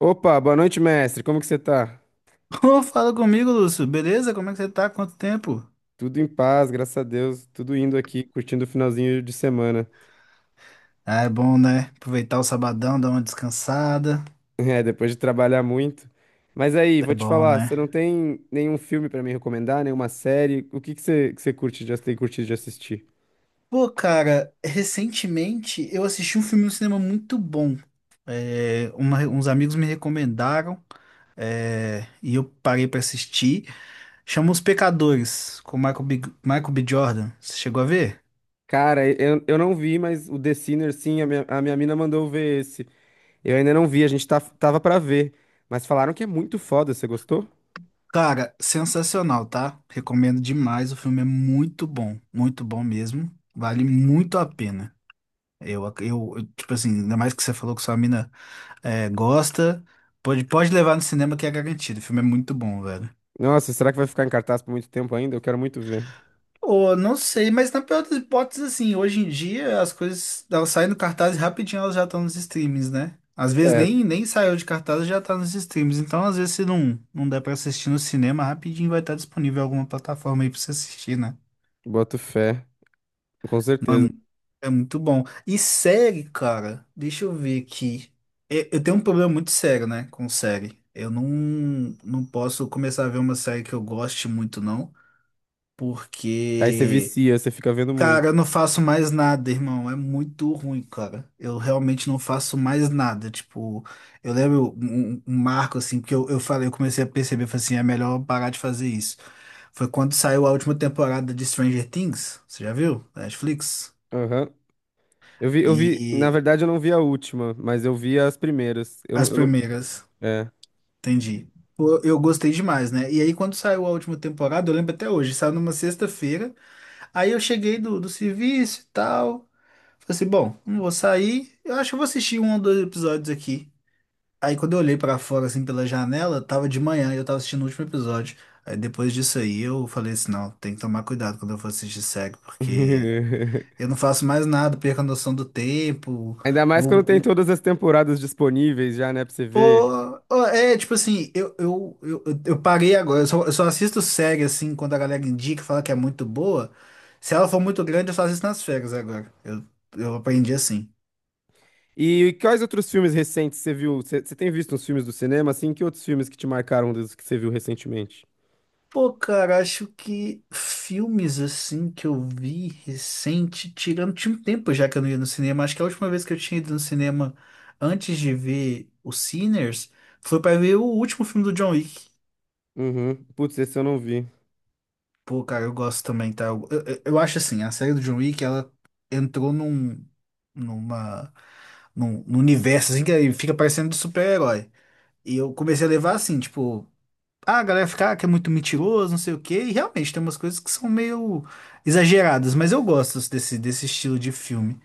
Opa, boa noite, mestre. Como que você tá? Ô, fala comigo, Lúcio. Beleza? Como é que você tá? Quanto tempo? Tudo em paz, graças a Deus. Tudo indo aqui, curtindo o finalzinho de semana. Ah, é bom, né? Aproveitar o sabadão, dar uma descansada. É, depois de trabalhar muito. Mas aí, É vou te bom, falar, né? você não tem nenhum filme pra me recomendar, nenhuma série? O que que você curte, já tem curtido de assistir? Pô, cara, recentemente eu assisti um filme no cinema muito bom. Uns amigos me recomendaram, e eu parei pra assistir. Chama Os Pecadores, com Michael B. Jordan. Você chegou a ver? Cara, eu não vi, mas o The Sinner, sim, a minha mina mandou ver esse. Eu ainda não vi, a gente tava pra ver. Mas falaram que é muito foda, você gostou? Cara, sensacional, tá? Recomendo demais. O filme é muito bom mesmo. Vale muito a pena. Eu, tipo assim, ainda mais que você falou que sua mina gosta, pode levar no cinema que é garantido. O filme é muito bom, velho. Nossa, será que vai ficar em cartaz por muito tempo ainda? Eu quero muito ver. Pô, não sei, mas na pior das hipóteses, assim, hoje em dia as coisas, elas saem do cartaz e rapidinho elas já estão nos streams, né? Às vezes É, nem saiu de cartaz e já tá nos streams. Então, às vezes, se não der pra assistir no cinema, rapidinho vai estar disponível em alguma plataforma aí pra você assistir, né? boto fé, com certeza. É muito bom. E série, cara, deixa eu ver aqui. Eu tenho um problema muito sério, né, com série. Eu não, Não posso começar a ver uma série que eu goste muito, não, Aí você porque, vicia, você fica vendo cara, muito. eu não faço mais nada, irmão. É muito ruim, cara. Eu realmente não faço mais nada. Tipo, eu lembro um marco, assim, eu falei, eu comecei a perceber, eu falei assim, é melhor eu parar de fazer isso. Foi quando saiu a última temporada de Stranger Things, você já viu? Da Netflix. Aham. Eu vi, na E verdade eu não vi a última, mas eu vi as primeiras. As Eu não, primeiras, é. entendi. Pô, eu gostei demais, né? E aí, quando saiu a última temporada, eu lembro até hoje, saiu numa sexta-feira. Aí eu cheguei do serviço e tal. Falei assim: bom, não vou sair. Eu acho que eu vou assistir um ou dois episódios aqui. Aí, quando eu olhei pra fora, assim, pela janela, tava de manhã e eu tava assistindo o último episódio. Aí, depois disso aí, eu falei assim: não, tem que tomar cuidado quando eu for assistir série, porque eu não faço mais nada, perco a noção do tempo. Ainda mais Vou quando tem todas as temporadas disponíveis já, né, pra você ver. Pô, ó, é, tipo assim, eu parei agora. Eu só assisto série, assim, quando a galera indica, fala que é muito boa. Se ela for muito grande, eu só assisto nas férias agora. Eu aprendi assim. E quais outros filmes recentes você viu? Você tem visto uns filmes do cinema, assim? Que outros filmes que te marcaram dos que você viu recentemente? Pô, cara, acho que filmes, assim, que eu vi recente, tirando, tinha um tempo já que eu não ia no cinema. Acho que a última vez que eu tinha ido no cinema antes de ver o Sinners foi pra ver o último filme do John Wick. Uhum. Putz, esse eu não vi. Pô, cara, eu gosto também, tá? Eu acho assim, a série do John Wick, ela entrou numa, num universo, assim, que aí fica parecendo de super-herói. E eu comecei a levar assim, tipo, ah, a galera fica ah, que é muito mentiroso, não sei o quê, e realmente tem umas coisas que são meio exageradas, mas eu gosto desse estilo de filme.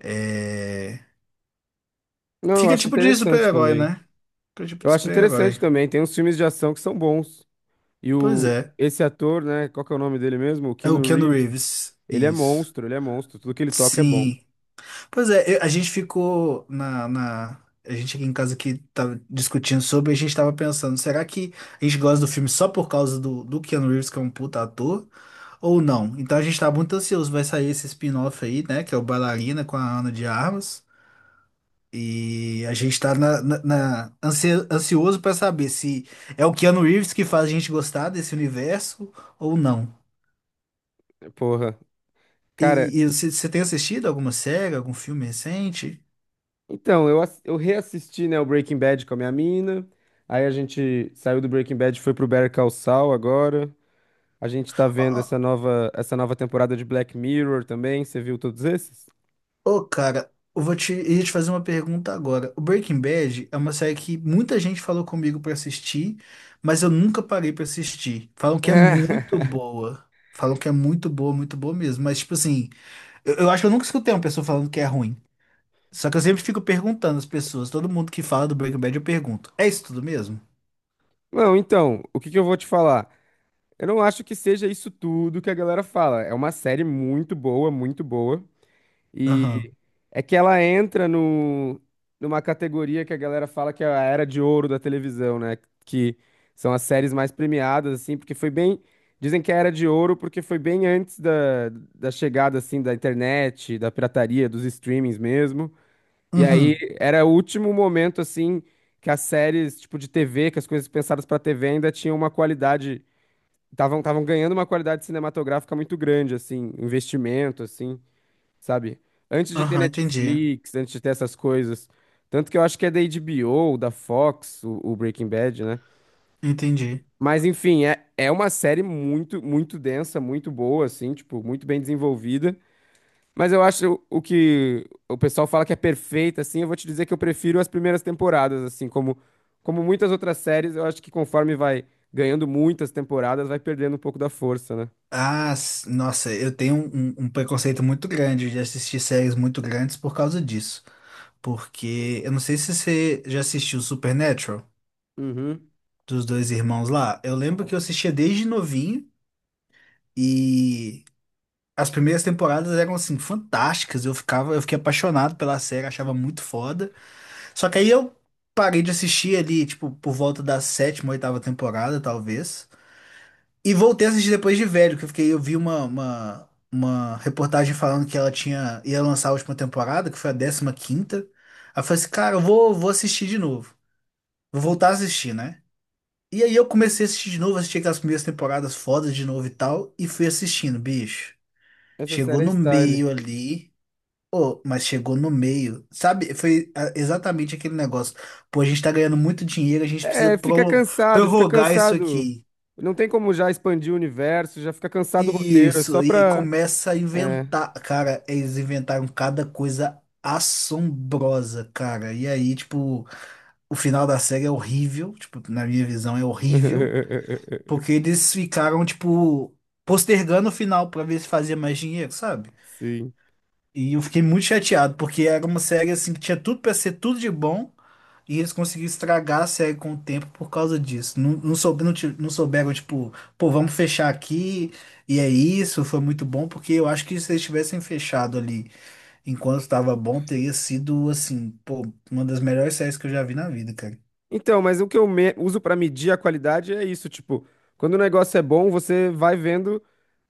É... Não, eu Fica acho tipo de interessante super-herói, também. né? Fica tipo Eu de acho interessante super-herói. também. Tem uns filmes de ação que são bons. E Pois o, é. esse ator, né? Qual que é o nome dele mesmo? O É o Keanu Keanu Reeves. Reeves, Ele é isso. monstro, ele é monstro. Tudo que ele toca é bom. Sim. Pois é, eu- a gente ficou na. A gente aqui em casa que tava discutindo sobre, a gente tava pensando, será que a gente gosta do filme só por causa do Keanu Reeves, que é um puta ator, ou não? Então a gente tá muito ansioso, vai sair esse spin-off aí, né, que é o Bailarina com a Ana de Armas, e a gente tá ansioso pra saber se é o Keanu Reeves que faz a gente gostar desse universo ou não. Porra. Cara, E você tem assistido alguma série, algum filme recente? então, eu reassisti, né, o Breaking Bad com a minha mina. Aí a gente saiu do Breaking Bad, e foi pro Better Call Saul agora. A gente tá vendo essa nova temporada de Black Mirror também. Você viu todos esses? Ô, cara, ia te fazer uma pergunta agora. O Breaking Bad é uma série que muita gente falou comigo pra assistir, mas eu nunca parei pra assistir. Falam que é muito boa. Falam que é muito boa mesmo. Mas, tipo assim, eu acho que eu nunca escutei uma pessoa falando que é ruim. Só que eu sempre fico perguntando às pessoas. Todo mundo que fala do Breaking Bad, eu pergunto: é isso tudo mesmo? Não, então, o que que eu vou te falar? Eu não acho que seja isso tudo que a galera fala. É uma série muito boa, muito boa. Aham. É que ela entra no, numa categoria que a galera fala que é a era de ouro da televisão, né? Que são as séries mais premiadas, assim, porque foi bem. Dizem que é a era de ouro porque foi bem antes da chegada, assim, da internet, da pirataria, dos streamings mesmo. E aí Uhum. era o último momento, assim, que as séries, tipo, de TV, que as coisas pensadas pra TV ainda tinham uma qualidade. Estavam ganhando uma qualidade cinematográfica muito grande, assim, investimento, assim, sabe? Antes de ter Aham, entendi. Netflix, antes de ter essas coisas. Tanto que eu acho que é da HBO, da Fox, o Breaking Bad, né? Entendi. Mas enfim, é, é uma série muito, muito densa, muito boa, assim, tipo, muito bem desenvolvida. Mas eu acho o que o pessoal fala que é perfeita, assim, eu vou te dizer que eu prefiro as primeiras temporadas, assim, como, como muitas outras séries, eu acho que conforme vai ganhando muitas temporadas, vai perdendo um pouco da força, né? Ah, s- nossa, eu tenho um, um preconceito muito grande de assistir séries muito grandes por causa disso. Porque eu não sei se você já assistiu Supernatural Uhum. dos dois irmãos lá. Eu lembro que eu assistia desde novinho e as primeiras temporadas eram assim fantásticas. Eu fiquei apaixonado pela série, achava muito foda. Só que aí eu parei de assistir ali, tipo, por volta da sétima, oitava temporada, talvez. E voltei a assistir depois de velho, que eu fiquei, eu vi uma reportagem falando que ela tinha ia lançar a última temporada, que foi a décima quinta. Aí eu falei assim, cara, vou assistir de novo. Vou voltar a assistir, né? E aí eu comecei a assistir de novo, assisti aquelas primeiras temporadas fodas de novo e tal, e fui assistindo, bicho. Essa Chegou série é no style. meio ali. Ô, mas chegou no meio. Sabe, foi exatamente aquele negócio. Pô, a gente tá ganhando muito dinheiro, a gente precisa É, fica prolo- cansado, fica prorrogar isso cansado. aqui. Não tem como já expandir o universo, já fica cansado o roteiro, é só Isso, e aí pra. começa a É. inventar. Cara, eles inventaram cada coisa assombrosa, cara. E aí, tipo, o final da série é horrível. Tipo, na minha visão, é horrível. Porque eles ficaram, tipo, postergando o final pra ver se fazia mais dinheiro, sabe? Sim. E eu fiquei muito chateado, porque era uma série, assim, que tinha tudo pra ser tudo de bom, e eles conseguiram estragar a série com o tempo por causa disso. Não souberam, tipo, pô, vamos fechar aqui, e é isso, foi muito bom, porque eu acho que se eles tivessem fechado ali enquanto estava bom, teria sido, assim, pô, uma das melhores séries que eu já vi na vida, cara. Então, mas o que eu uso pra medir a qualidade é isso, tipo, quando o negócio é bom, você vai vendo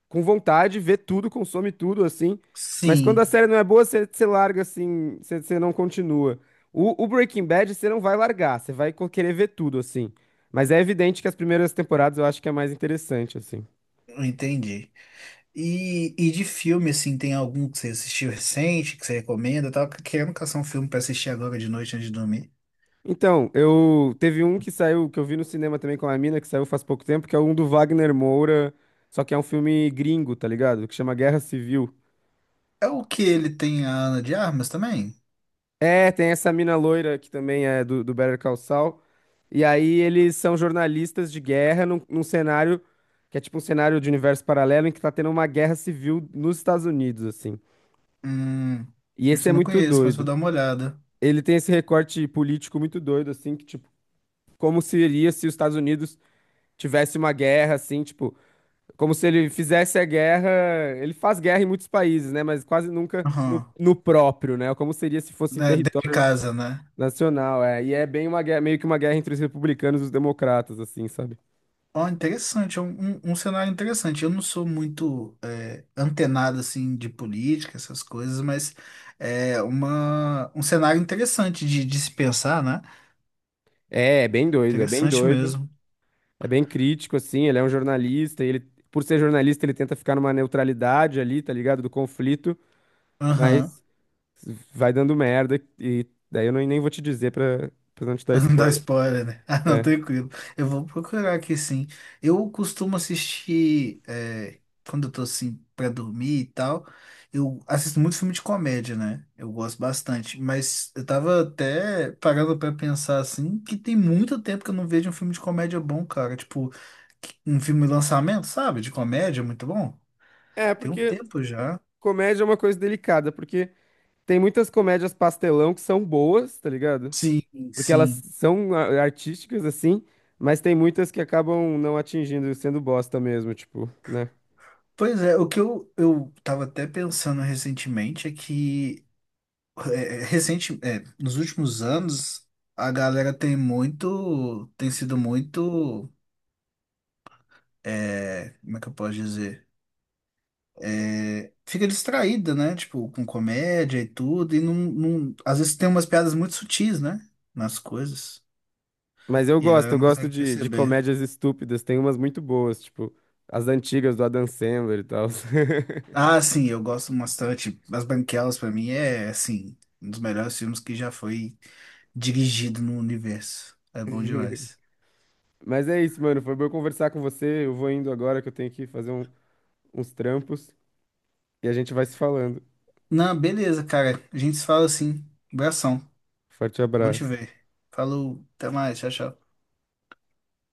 com vontade, vê tudo, consome tudo, assim. Mas quando Sim, a série não é boa, você larga assim, você não continua. O Breaking Bad, você não vai largar, você vai querer ver tudo, assim. Mas é evidente que as primeiras temporadas eu acho que é mais interessante, assim. eu entendi. E de filme, assim, tem algum que você assistiu recente, que você recomenda? Eu tava querendo caçar um filme pra assistir agora de noite antes de dormir. Então, eu teve um que saiu, que eu vi no cinema também com a mina, que saiu faz pouco tempo, que é um do Wagner Moura, só que é um filme gringo, tá ligado? Que chama Guerra Civil. É o que ele tem a Ana de Armas também? É, tem essa mina loira que também é do Better Call Saul. E aí eles são jornalistas de guerra num cenário que é tipo um cenário de universo paralelo em que tá tendo uma guerra civil nos Estados Unidos, assim. Hum, E esse isso é eu não muito conheço, mas vou doido. dar uma olhada. Ele tem esse recorte político muito doido, assim, que tipo, como seria se os Estados Unidos tivesse uma guerra, assim, tipo. Como se ele fizesse a guerra. Ele faz guerra em muitos países, né? Mas quase nunca Aham. no próprio, né? Como seria se fosse em Né, dentro de território casa, né? nacional, é. E é bem uma guerra, meio que uma guerra entre os republicanos e os democratas, assim, sabe? Ó, interessante, é um, um cenário interessante. Eu não sou muito é, antenado, assim, de política, essas coisas, mas é uma, um cenário interessante de se pensar, né? É, é bem doido, é bem Interessante doido. mesmo. É bem crítico, assim. Ele é um jornalista e ele, por ser jornalista, ele tenta ficar numa neutralidade ali, tá ligado? Do conflito, Aham. mas vai dando merda. E daí eu nem vou te dizer pra, pra não te dar Não dá spoiler. spoiler, né? Ah, não, É. tranquilo. Eu vou procurar aqui sim. Eu costumo assistir, é, quando eu tô assim, pra dormir e tal, eu assisto muito filme de comédia, né? Eu gosto bastante. Mas eu tava até parando pra pensar assim, que tem muito tempo que eu não vejo um filme de comédia bom, cara. Tipo, que- um filme de lançamento, sabe? De comédia, muito bom. É, Tem um porque tempo já. comédia é uma coisa delicada, porque. Tem muitas comédias pastelão que são boas, tá ligado? Sim, Porque elas sim. são artísticas, assim, mas tem muitas que acabam não atingindo, sendo bosta mesmo, tipo, né? Pois é, o que eu tava até pensando recentemente é que. É, é, recente, é, nos últimos anos, a galera tem muito, tem sido muito, é, como é que eu posso dizer? É, fica distraída, né? Tipo, com comédia e tudo, não- às vezes tem umas piadas muito sutis, né? Nas coisas, Mas e a galera eu não gosto consegue de perceber. comédias estúpidas, tem umas muito boas, tipo, as antigas do Adam Sandler e tal. Ah, sim, eu gosto bastante. As Branquelas, pra mim, é, assim, um dos melhores filmes que já foi dirigido no universo. É bom demais. Mas é isso, mano, foi bom conversar com você, eu vou indo agora que eu tenho que fazer uns trampos e a gente vai se falando. Não, beleza, cara. A gente se fala assim. Abração. Forte Bom te abraço. ver. Falou, até mais, tchau, tchau.